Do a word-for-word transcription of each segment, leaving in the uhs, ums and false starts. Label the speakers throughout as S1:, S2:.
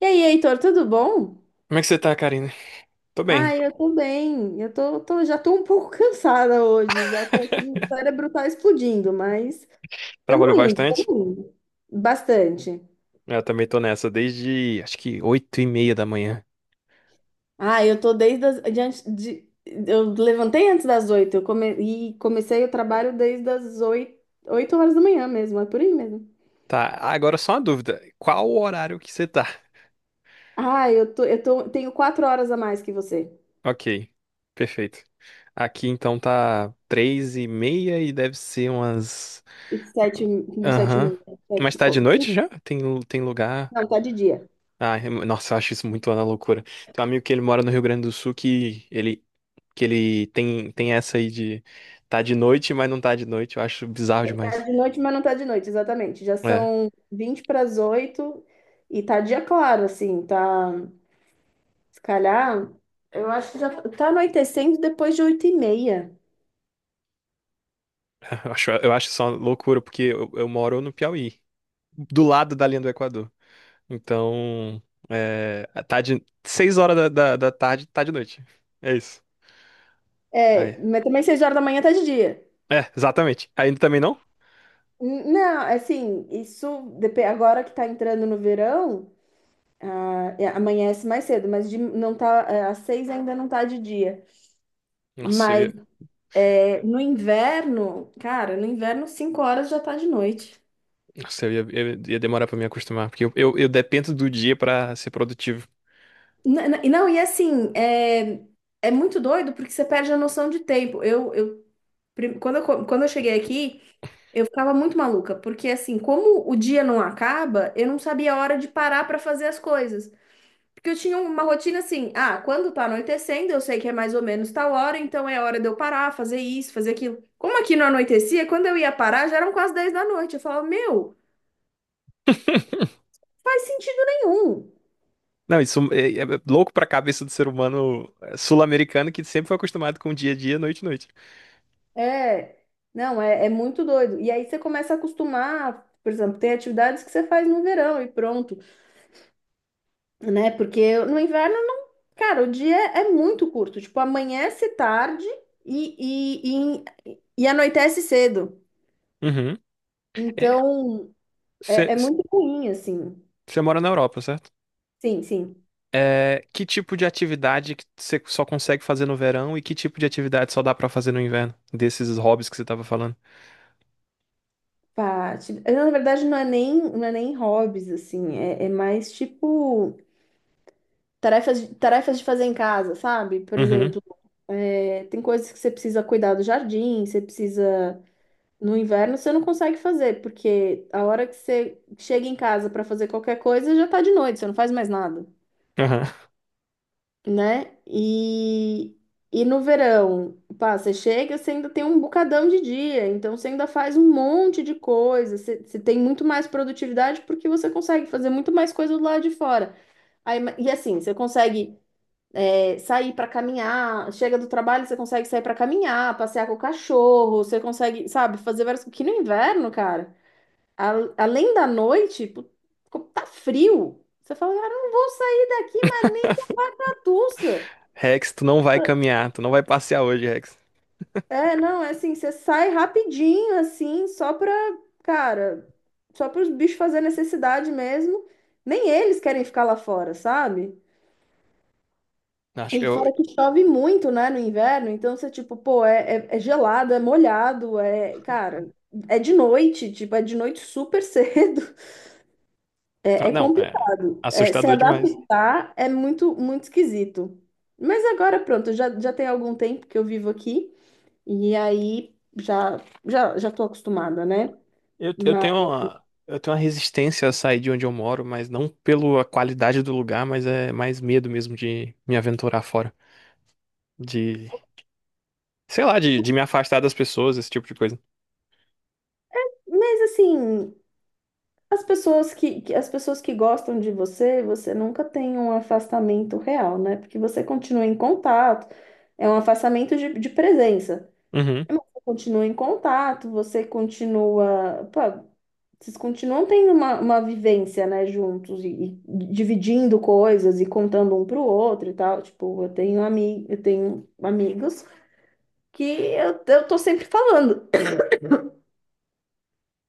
S1: E aí, Heitor, tudo bom?
S2: Como é que você tá, Karina? Tô
S1: Ah,
S2: bem.
S1: eu tô bem. Eu tô, tô- já tô um pouco cansada hoje. Já tô aqui, o cérebro tá explodindo, mas
S2: Trabalhou
S1: estamos indo,
S2: bastante?
S1: estamos indo. Bastante.
S2: Eu também tô nessa, desde acho que oito e meia da manhã.
S1: Ah, eu tô desde as, de, antes- de- eu levantei antes das oito, eu come, e comecei o trabalho desde as oito, oito horas da manhã mesmo, é por aí mesmo.
S2: Tá, agora só uma dúvida. Qual o horário que você tá?
S1: Ah, eu tô, eu tô, tenho quatro horas a mais que você.
S2: Ok, perfeito. Aqui então tá três e meia e deve ser umas...
S1: Sete, Sete e
S2: Aham.
S1: meia.
S2: Mas
S1: Sete,
S2: tá
S1: co-
S2: de noite já? Tem, tem lugar...
S1: não, tá de dia.
S2: Ah, é- nossa, eu acho isso muito uma loucura. Tem um amigo que ele mora no Rio Grande do Sul que ele, que ele tem, tem essa aí de... Tá de noite, mas não tá de noite. Eu acho bizarro
S1: Tá
S2: demais.
S1: de noite, mas não tá de noite, exatamente. Já
S2: É,
S1: são vinte para as oito e tá dia claro, assim, tá. Se calhar, eu acho que já tá anoitecendo depois de oito e meia.
S2: eu acho, eu acho isso uma loucura, porque eu, eu moro no Piauí, do lado da linha do Equador. Então, é, tá de seis horas da, da, da tarde, tá de noite. É isso. Aí.
S1: É, mas também seis horas da manhã tá de dia.
S2: É, exatamente. Ainda também não?
S1: N- Não, assim, isso depe- agora que tá entrando no verão, ah, é, amanhece mais cedo, mas de- não tá, é, às seis ainda não tá de dia.
S2: Nossa, eu
S1: Mas
S2: ia,
S1: é, no inverno, cara, no inverno cinco horas já tá de noite.
S2: nossa, eu ia, eu ia demorar pra me acostumar, porque eu, eu, eu dependo do dia pra ser produtivo.
S1: N- n- Não, e assim, é, é muito doido porque você perde a noção de tempo. Eu, eu, prim- quando eu, co- quando eu cheguei aqui, eu ficava muito maluca, porque assim, como o dia não acaba, eu não sabia a hora de parar para fazer as coisas. Porque eu tinha uma rotina assim, ah, quando tá anoitecendo, eu sei que é mais ou menos tal hora, então é hora de eu parar, fazer isso, fazer aquilo. Como aqui não anoitecia, quando eu ia parar, já eram quase dez da noite. Eu falava, meu, faz sentido nenhum.
S2: Não, isso é, é louco pra cabeça do ser humano é, sul-americano que sempre foi acostumado com dia a dia, noite a noite.
S1: É, não, é, é muito doido. E aí você começa a acostumar, por exemplo, tem atividades que você faz no verão e pronto, né? Porque no inverno não. Cara, o dia é muito curto. Tipo, amanhece tarde e, e, e, e anoitece cedo.
S2: Uhum.
S1: Então, é, é
S2: Você
S1: muito ruim, assim.
S2: mora na Europa, certo?
S1: Sim, sim.
S2: É, que tipo de atividade que você só consegue fazer no verão e que tipo de atividade só dá pra fazer no inverno? Desses hobbies que você tava falando.
S1: Pá, ti- na verdade, não é nem, não é nem hobbies, assim. É, é mais tipo. Tarefas, de- tarefas de fazer em casa, sabe? Por
S2: Uhum.
S1: exemplo, é, tem coisas que você precisa cuidar do jardim, você precisa. No inverno você não consegue fazer, porque a hora que você chega em casa para fazer qualquer coisa já tá de noite, você não faz mais nada,
S2: Uhum.
S1: né? E, e no verão, pá, você chega, você ainda tem um bocadão de dia, então você ainda faz um monte de coisa, você, você tem muito mais produtividade porque você consegue fazer muito mais coisa do lado de fora. Aí, ma- e assim, você consegue. É, sair para caminhar, chega do trabalho, você consegue sair para caminhar, passear com o cachorro, você consegue, sabe, fazer várias coisas. Que no inverno, cara, a- além da noite, pu- co- tá frio. Você fala, cara, eu não vou sair daqui, Matussa.
S2: Rex, tu não vai caminhar, tu não vai passear hoje, Rex.
S1: É, não, é assim, você sai rapidinho, assim, só pra, cara, só para os bichos fazer necessidade mesmo. Nem eles querem ficar lá fora, sabe?
S2: Acho que
S1: E
S2: eu.
S1: fora que chove muito, né, no inverno, então você, tipo, pô, é, é- é gelado, é molhado, é, cara, é de noite, tipo, é de noite super cedo, é, é
S2: Não, é
S1: complicado. É, se
S2: assustador demais.
S1: adaptar é muito, muito esquisito. Mas agora, pronto, já, já tem algum tempo que eu vivo aqui, e aí já, já, já tô acostumada, né?
S2: Eu, eu
S1: Mas,
S2: tenho uma, eu tenho uma resistência a sair de onde eu moro, mas não pela qualidade do lugar, mas é mais medo mesmo de me aventurar fora. De, sei lá, de, de me afastar das pessoas, esse tipo de coisa.
S1: mas assim. As pessoas que, que- as pessoas que gostam de você, você nunca tem um afastamento real, né? Porque você continua em contato, é um afastamento de, de presença.
S2: Uhum.
S1: Mas você continua em contato, você continua. Pô, vocês continuam tendo uma, uma vivência, né, juntos e, e dividindo coisas e contando um pro outro e tal. Tipo, eu tenho ami, eu tenho amigos que eu, eu tô sempre falando.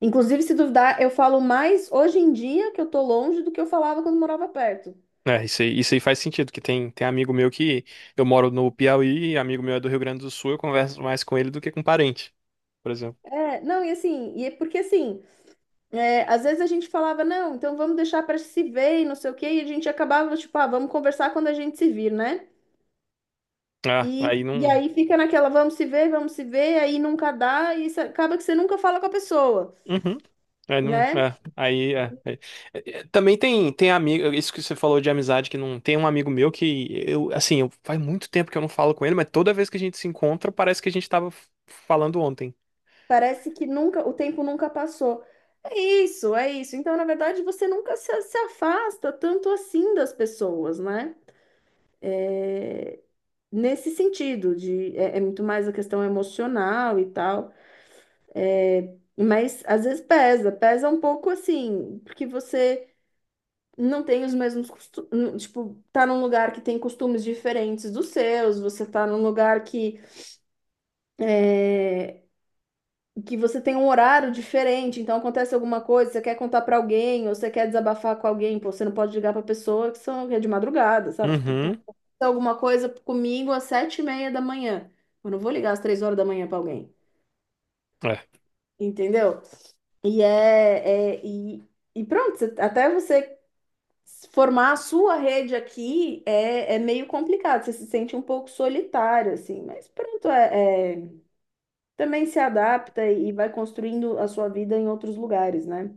S1: Inclusive, se duvidar, eu falo mais hoje em dia que eu tô longe do que eu falava quando morava perto.
S2: É, isso aí, isso aí faz sentido, que tem, tem amigo meu que eu moro no Piauí, amigo meu é do Rio Grande do Sul, eu converso mais com ele do que com parente, por exemplo.
S1: É, não, e assim, e é porque assim, é, às vezes a gente falava, não, então vamos deixar para se ver e não sei o quê, e a gente acabava, tipo, ah, vamos conversar quando a gente se vir, né?
S2: Ah,
S1: E,
S2: aí
S1: e
S2: não.
S1: aí fica naquela, vamos se ver, vamos se ver, aí nunca dá, e isso acaba que você nunca fala com a pessoa,
S2: Uhum. É, não,
S1: né?
S2: é, aí, é, é. É, é, também tem, tem amigo, isso que você falou de amizade, que não tem um amigo meu que eu, assim, eu, faz muito tempo que eu não falo com ele, mas toda vez que a gente se encontra, parece que a gente tava f- falando ontem.
S1: Parece que nunca, o tempo nunca passou. É isso, é isso. Então, na verdade, você nunca se se afasta tanto assim das pessoas, né? é, Nesse sentido, de, é, é muito mais a questão emocional e tal. É, mas às vezes pesa, pesa um pouco assim, porque você não tem os mesmos costumes, tipo, tá num lugar que tem costumes diferentes dos seus, você tá num lugar que que você tem um horário diferente, então acontece alguma coisa, você quer contar pra alguém, ou você quer desabafar com alguém, pô, você não pode ligar pra pessoa que são que é de madrugada, sabe? Tipo, pô,
S2: Uhum,
S1: aconteceu alguma coisa comigo às sete e meia da manhã. Eu não vou ligar às três horas da manhã pra alguém,
S2: é.
S1: entendeu? E é, é- e, e pronto, você- até você formar a sua rede aqui é, é meio complicado, você se sente um pouco solitário, assim, mas pronto, é, é- também se adapta e vai construindo a sua vida em outros lugares, né?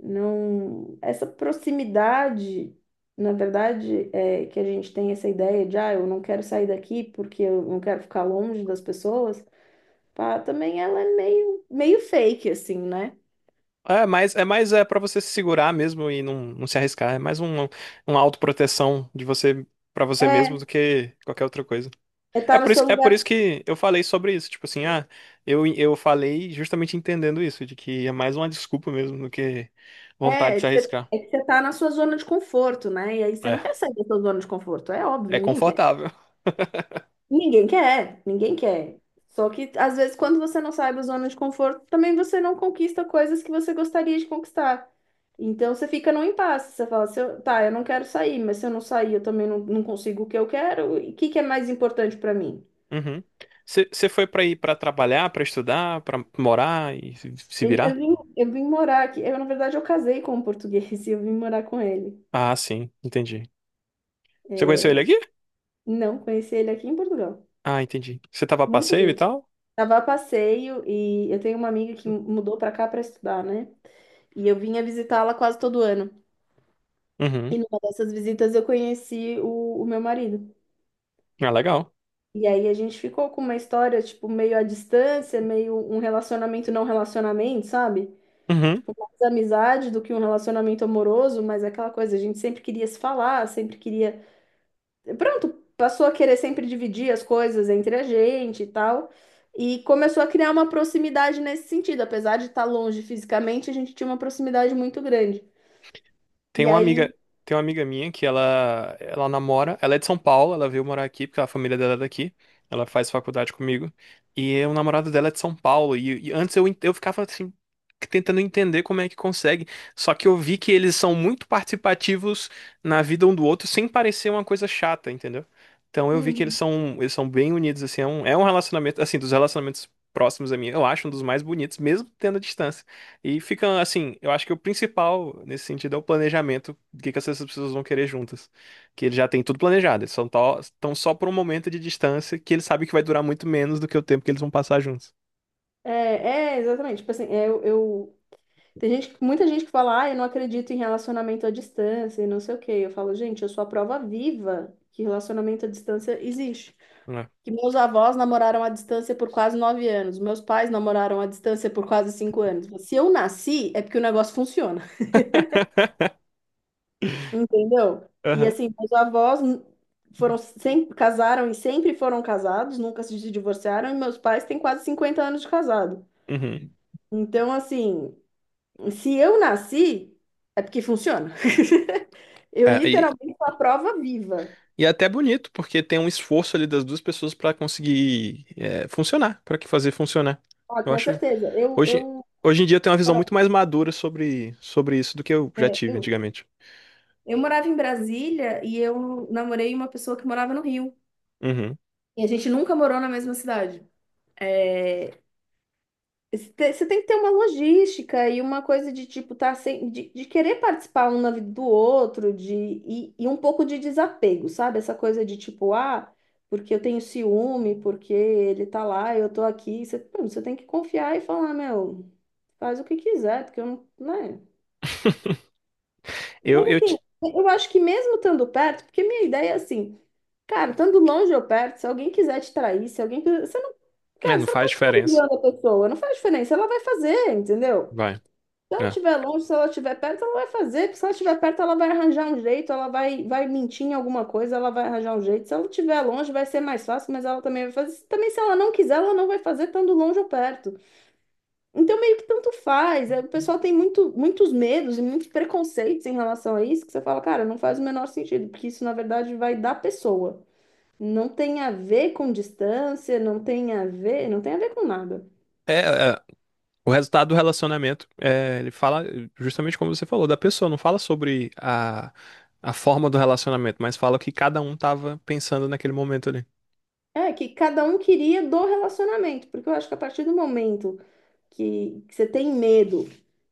S1: Não, essa proximidade, na verdade, é que a gente tem essa ideia de, ah, eu não quero sair daqui porque eu não quero ficar longe das pessoas, pá, também ela é meio, meio fake, assim, né?
S2: É, mas é mais é para você se segurar mesmo e não, não se arriscar. É mais um, uma autoproteção de você para você mesmo
S1: É,
S2: do que qualquer outra coisa.
S1: é
S2: É
S1: tá no
S2: por
S1: seu
S2: isso, é por
S1: lugar,
S2: isso que eu falei sobre isso. Tipo assim, ah, eu, eu falei justamente entendendo isso, de que é mais uma desculpa mesmo do que vontade
S1: é, é
S2: de se
S1: que você
S2: arriscar.
S1: é que você tá na sua zona de conforto, né? E aí você não
S2: É,
S1: quer sair da sua zona de conforto, é óbvio,
S2: é
S1: ninguém quer.
S2: confortável.
S1: Ninguém quer, ninguém quer. Só que às vezes, quando você não sai da zona de conforto, também você não conquista coisas que você gostaria de conquistar. Então você fica num impasse, você fala, se eu, tá, eu não quero sair, mas se eu não sair, eu também não, não consigo o que eu quero. E o que que é mais importante para mim?
S2: Uhum. Você foi pra ir pra trabalhar, pra estudar, pra morar e se se
S1: Eu, eu
S2: virar?
S1: vim, eu vim morar aqui. Eu, na verdade, eu casei com um português e eu vim morar com ele.
S2: Ah, sim, entendi. Você conheceu ele
S1: É,
S2: aqui?
S1: não, conheci ele aqui em Portugal.
S2: Ah, entendi. Você tava a
S1: Muito
S2: passeio e tal?
S1: Tava a passeio e eu tenho uma amiga que mudou pra cá pra estudar, né? E eu vinha visitá-la quase todo ano.
S2: Uhum.
S1: E numa dessas visitas eu conheci o, o meu marido.
S2: Ah, legal.
S1: E aí a gente ficou com uma história, tipo, meio à distância, meio um relacionamento não relacionamento, sabe? Tipo, mais amizade do que um relacionamento amoroso, mas é aquela coisa, a gente sempre queria se falar, sempre queria pronto, passou a querer sempre dividir as coisas entre a gente e tal. E começou a criar uma proximidade nesse sentido. Apesar de estar longe fisicamente, a gente tinha uma proximidade muito grande.
S2: Tem
S1: E
S2: uma
S1: aí.
S2: amiga, tem uma amiga minha que ela, ela namora, ela é de São Paulo, ela veio morar aqui porque a família dela é daqui. Ela faz faculdade comigo. E o namorado dela é de São Paulo. E, e antes eu, en- eu ficava assim, tentando entender como é que consegue. Só que eu vi que eles são muito participativos na vida um do outro, sem parecer uma coisa chata, entendeu? Então eu vi que eles
S1: Uhum.
S2: são, eles são bem unidos, assim, é um, é um relacionamento, assim, dos relacionamentos próximos a mim, eu acho um dos mais bonitos, mesmo tendo a distância. E fica assim, eu acho que o principal nesse sentido é o planejamento do que que essas pessoas vão querer juntas. Que eles já têm tudo planejado, eles são tó- estão só por um momento de distância que eles sabem que vai durar muito menos do que o tempo que eles vão passar juntos.
S1: É, é, exatamente. Tipo assim. é, eu, eu- Tem gente, muita gente que fala, ah, eu não acredito em relacionamento à distância e não sei o quê. Eu falo, gente, eu sou a prova viva que relacionamento à distância existe.
S2: Né?
S1: Que meus avós namoraram à distância por quase nove anos. Meus pais namoraram à distância por quase cinco anos. Se eu nasci, é porque o negócio funciona, entendeu? E
S2: Aham.
S1: assim, meus avós n- foram sempre casaram e sempre foram casados, nunca se divorciaram, e meus pais têm quase cinquenta anos de casado.
S2: Uhum.
S1: Então, assim, se eu nasci, é porque funciona. Eu
S2: É, e,
S1: literalmente sou a prova viva.
S2: e é até bonito, porque tem um esforço ali das duas pessoas pra conseguir é, funcionar, pra que fazer funcionar.
S1: Ah,
S2: Eu
S1: com
S2: acho.
S1: certeza. Eu,
S2: Hoje,
S1: eu,
S2: hoje em dia eu tenho uma visão muito mais madura sobre, sobre isso do que eu já
S1: É,
S2: tive
S1: eu,
S2: antigamente.
S1: eu morava em Brasília e eu namorei uma pessoa que morava no Rio.
S2: Uhum.
S1: E a gente nunca morou na mesma cidade. É, você te- você tem que ter uma logística e uma coisa de tipo tá sem, de, de querer participar um na vida do outro, de e, e um pouco de desapego, sabe? Essa coisa de tipo, ah, porque eu tenho ciúme, porque ele tá lá, eu tô aqui. Você, pô, você tem que confiar e falar, meu, faz o que quiser, porque eu não, né? Mas
S2: Eu, eu,
S1: assim,
S2: ti-
S1: eu acho que mesmo estando perto, porque minha ideia é assim. Cara, tanto longe ou perto, se alguém quiser te trair, se alguém. Quiser- você não.
S2: É,
S1: Cara,
S2: não
S1: você não
S2: faz
S1: pode ficar
S2: diferença.
S1: vigiando a pessoa. Não faz diferença. Ela vai fazer, entendeu?
S2: Vai.
S1: Se ela
S2: É.
S1: estiver longe, se ela estiver perto, ela vai fazer. Porque se ela estiver perto, ela vai arranjar um jeito, ela vai, vai mentir em alguma coisa, ela vai arranjar um jeito. Se ela estiver longe, vai ser mais fácil, mas ela também vai fazer. Também, se ela não quiser, ela não vai fazer tanto longe ou perto. Então, meio que tanto faz. É, o pessoal tem muito, muitos medos e muitos preconceitos em relação a isso, que você fala, cara, não faz o menor sentido, porque isso, na verdade, vai da pessoa. Não tem a ver com distância, não tem a ver, não tem a ver com nada.
S2: É, é, o resultado do relacionamento, é, ele fala justamente como você falou, da pessoa, não fala sobre a, a forma do relacionamento, mas fala o que cada um tava pensando naquele momento ali.
S1: É que cada um queria do relacionamento, porque eu acho que a partir do momento que, que você tem medo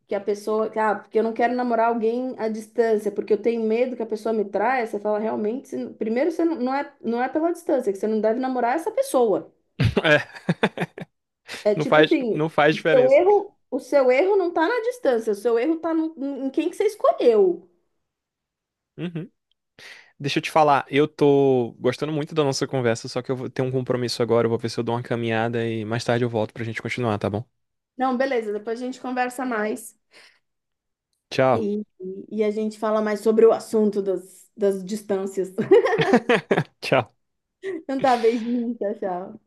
S1: que a pessoa, que, ah, porque eu não quero namorar alguém à distância, porque eu tenho medo que a pessoa me traia, você fala realmente, se- primeiro você não, não é, não é pela distância, que você não deve namorar essa pessoa.
S2: É.
S1: É
S2: Não
S1: tipo
S2: faz,
S1: assim,
S2: não faz
S1: o seu
S2: diferença.
S1: erro, o seu erro não tá na distância, o seu erro tá no- em quem que você escolheu.
S2: Uhum. Deixa eu te falar, eu tô gostando muito da nossa conversa, só que eu vou ter um compromisso agora, eu vou ver se eu dou uma caminhada e mais tarde eu volto pra gente continuar, tá bom?
S1: Não, beleza, depois a gente conversa mais.
S2: Tchau.
S1: E, e a gente fala mais sobre o assunto das, das distâncias.
S2: Tchau.
S1: Não tá a vez de mim, tchau, tchau.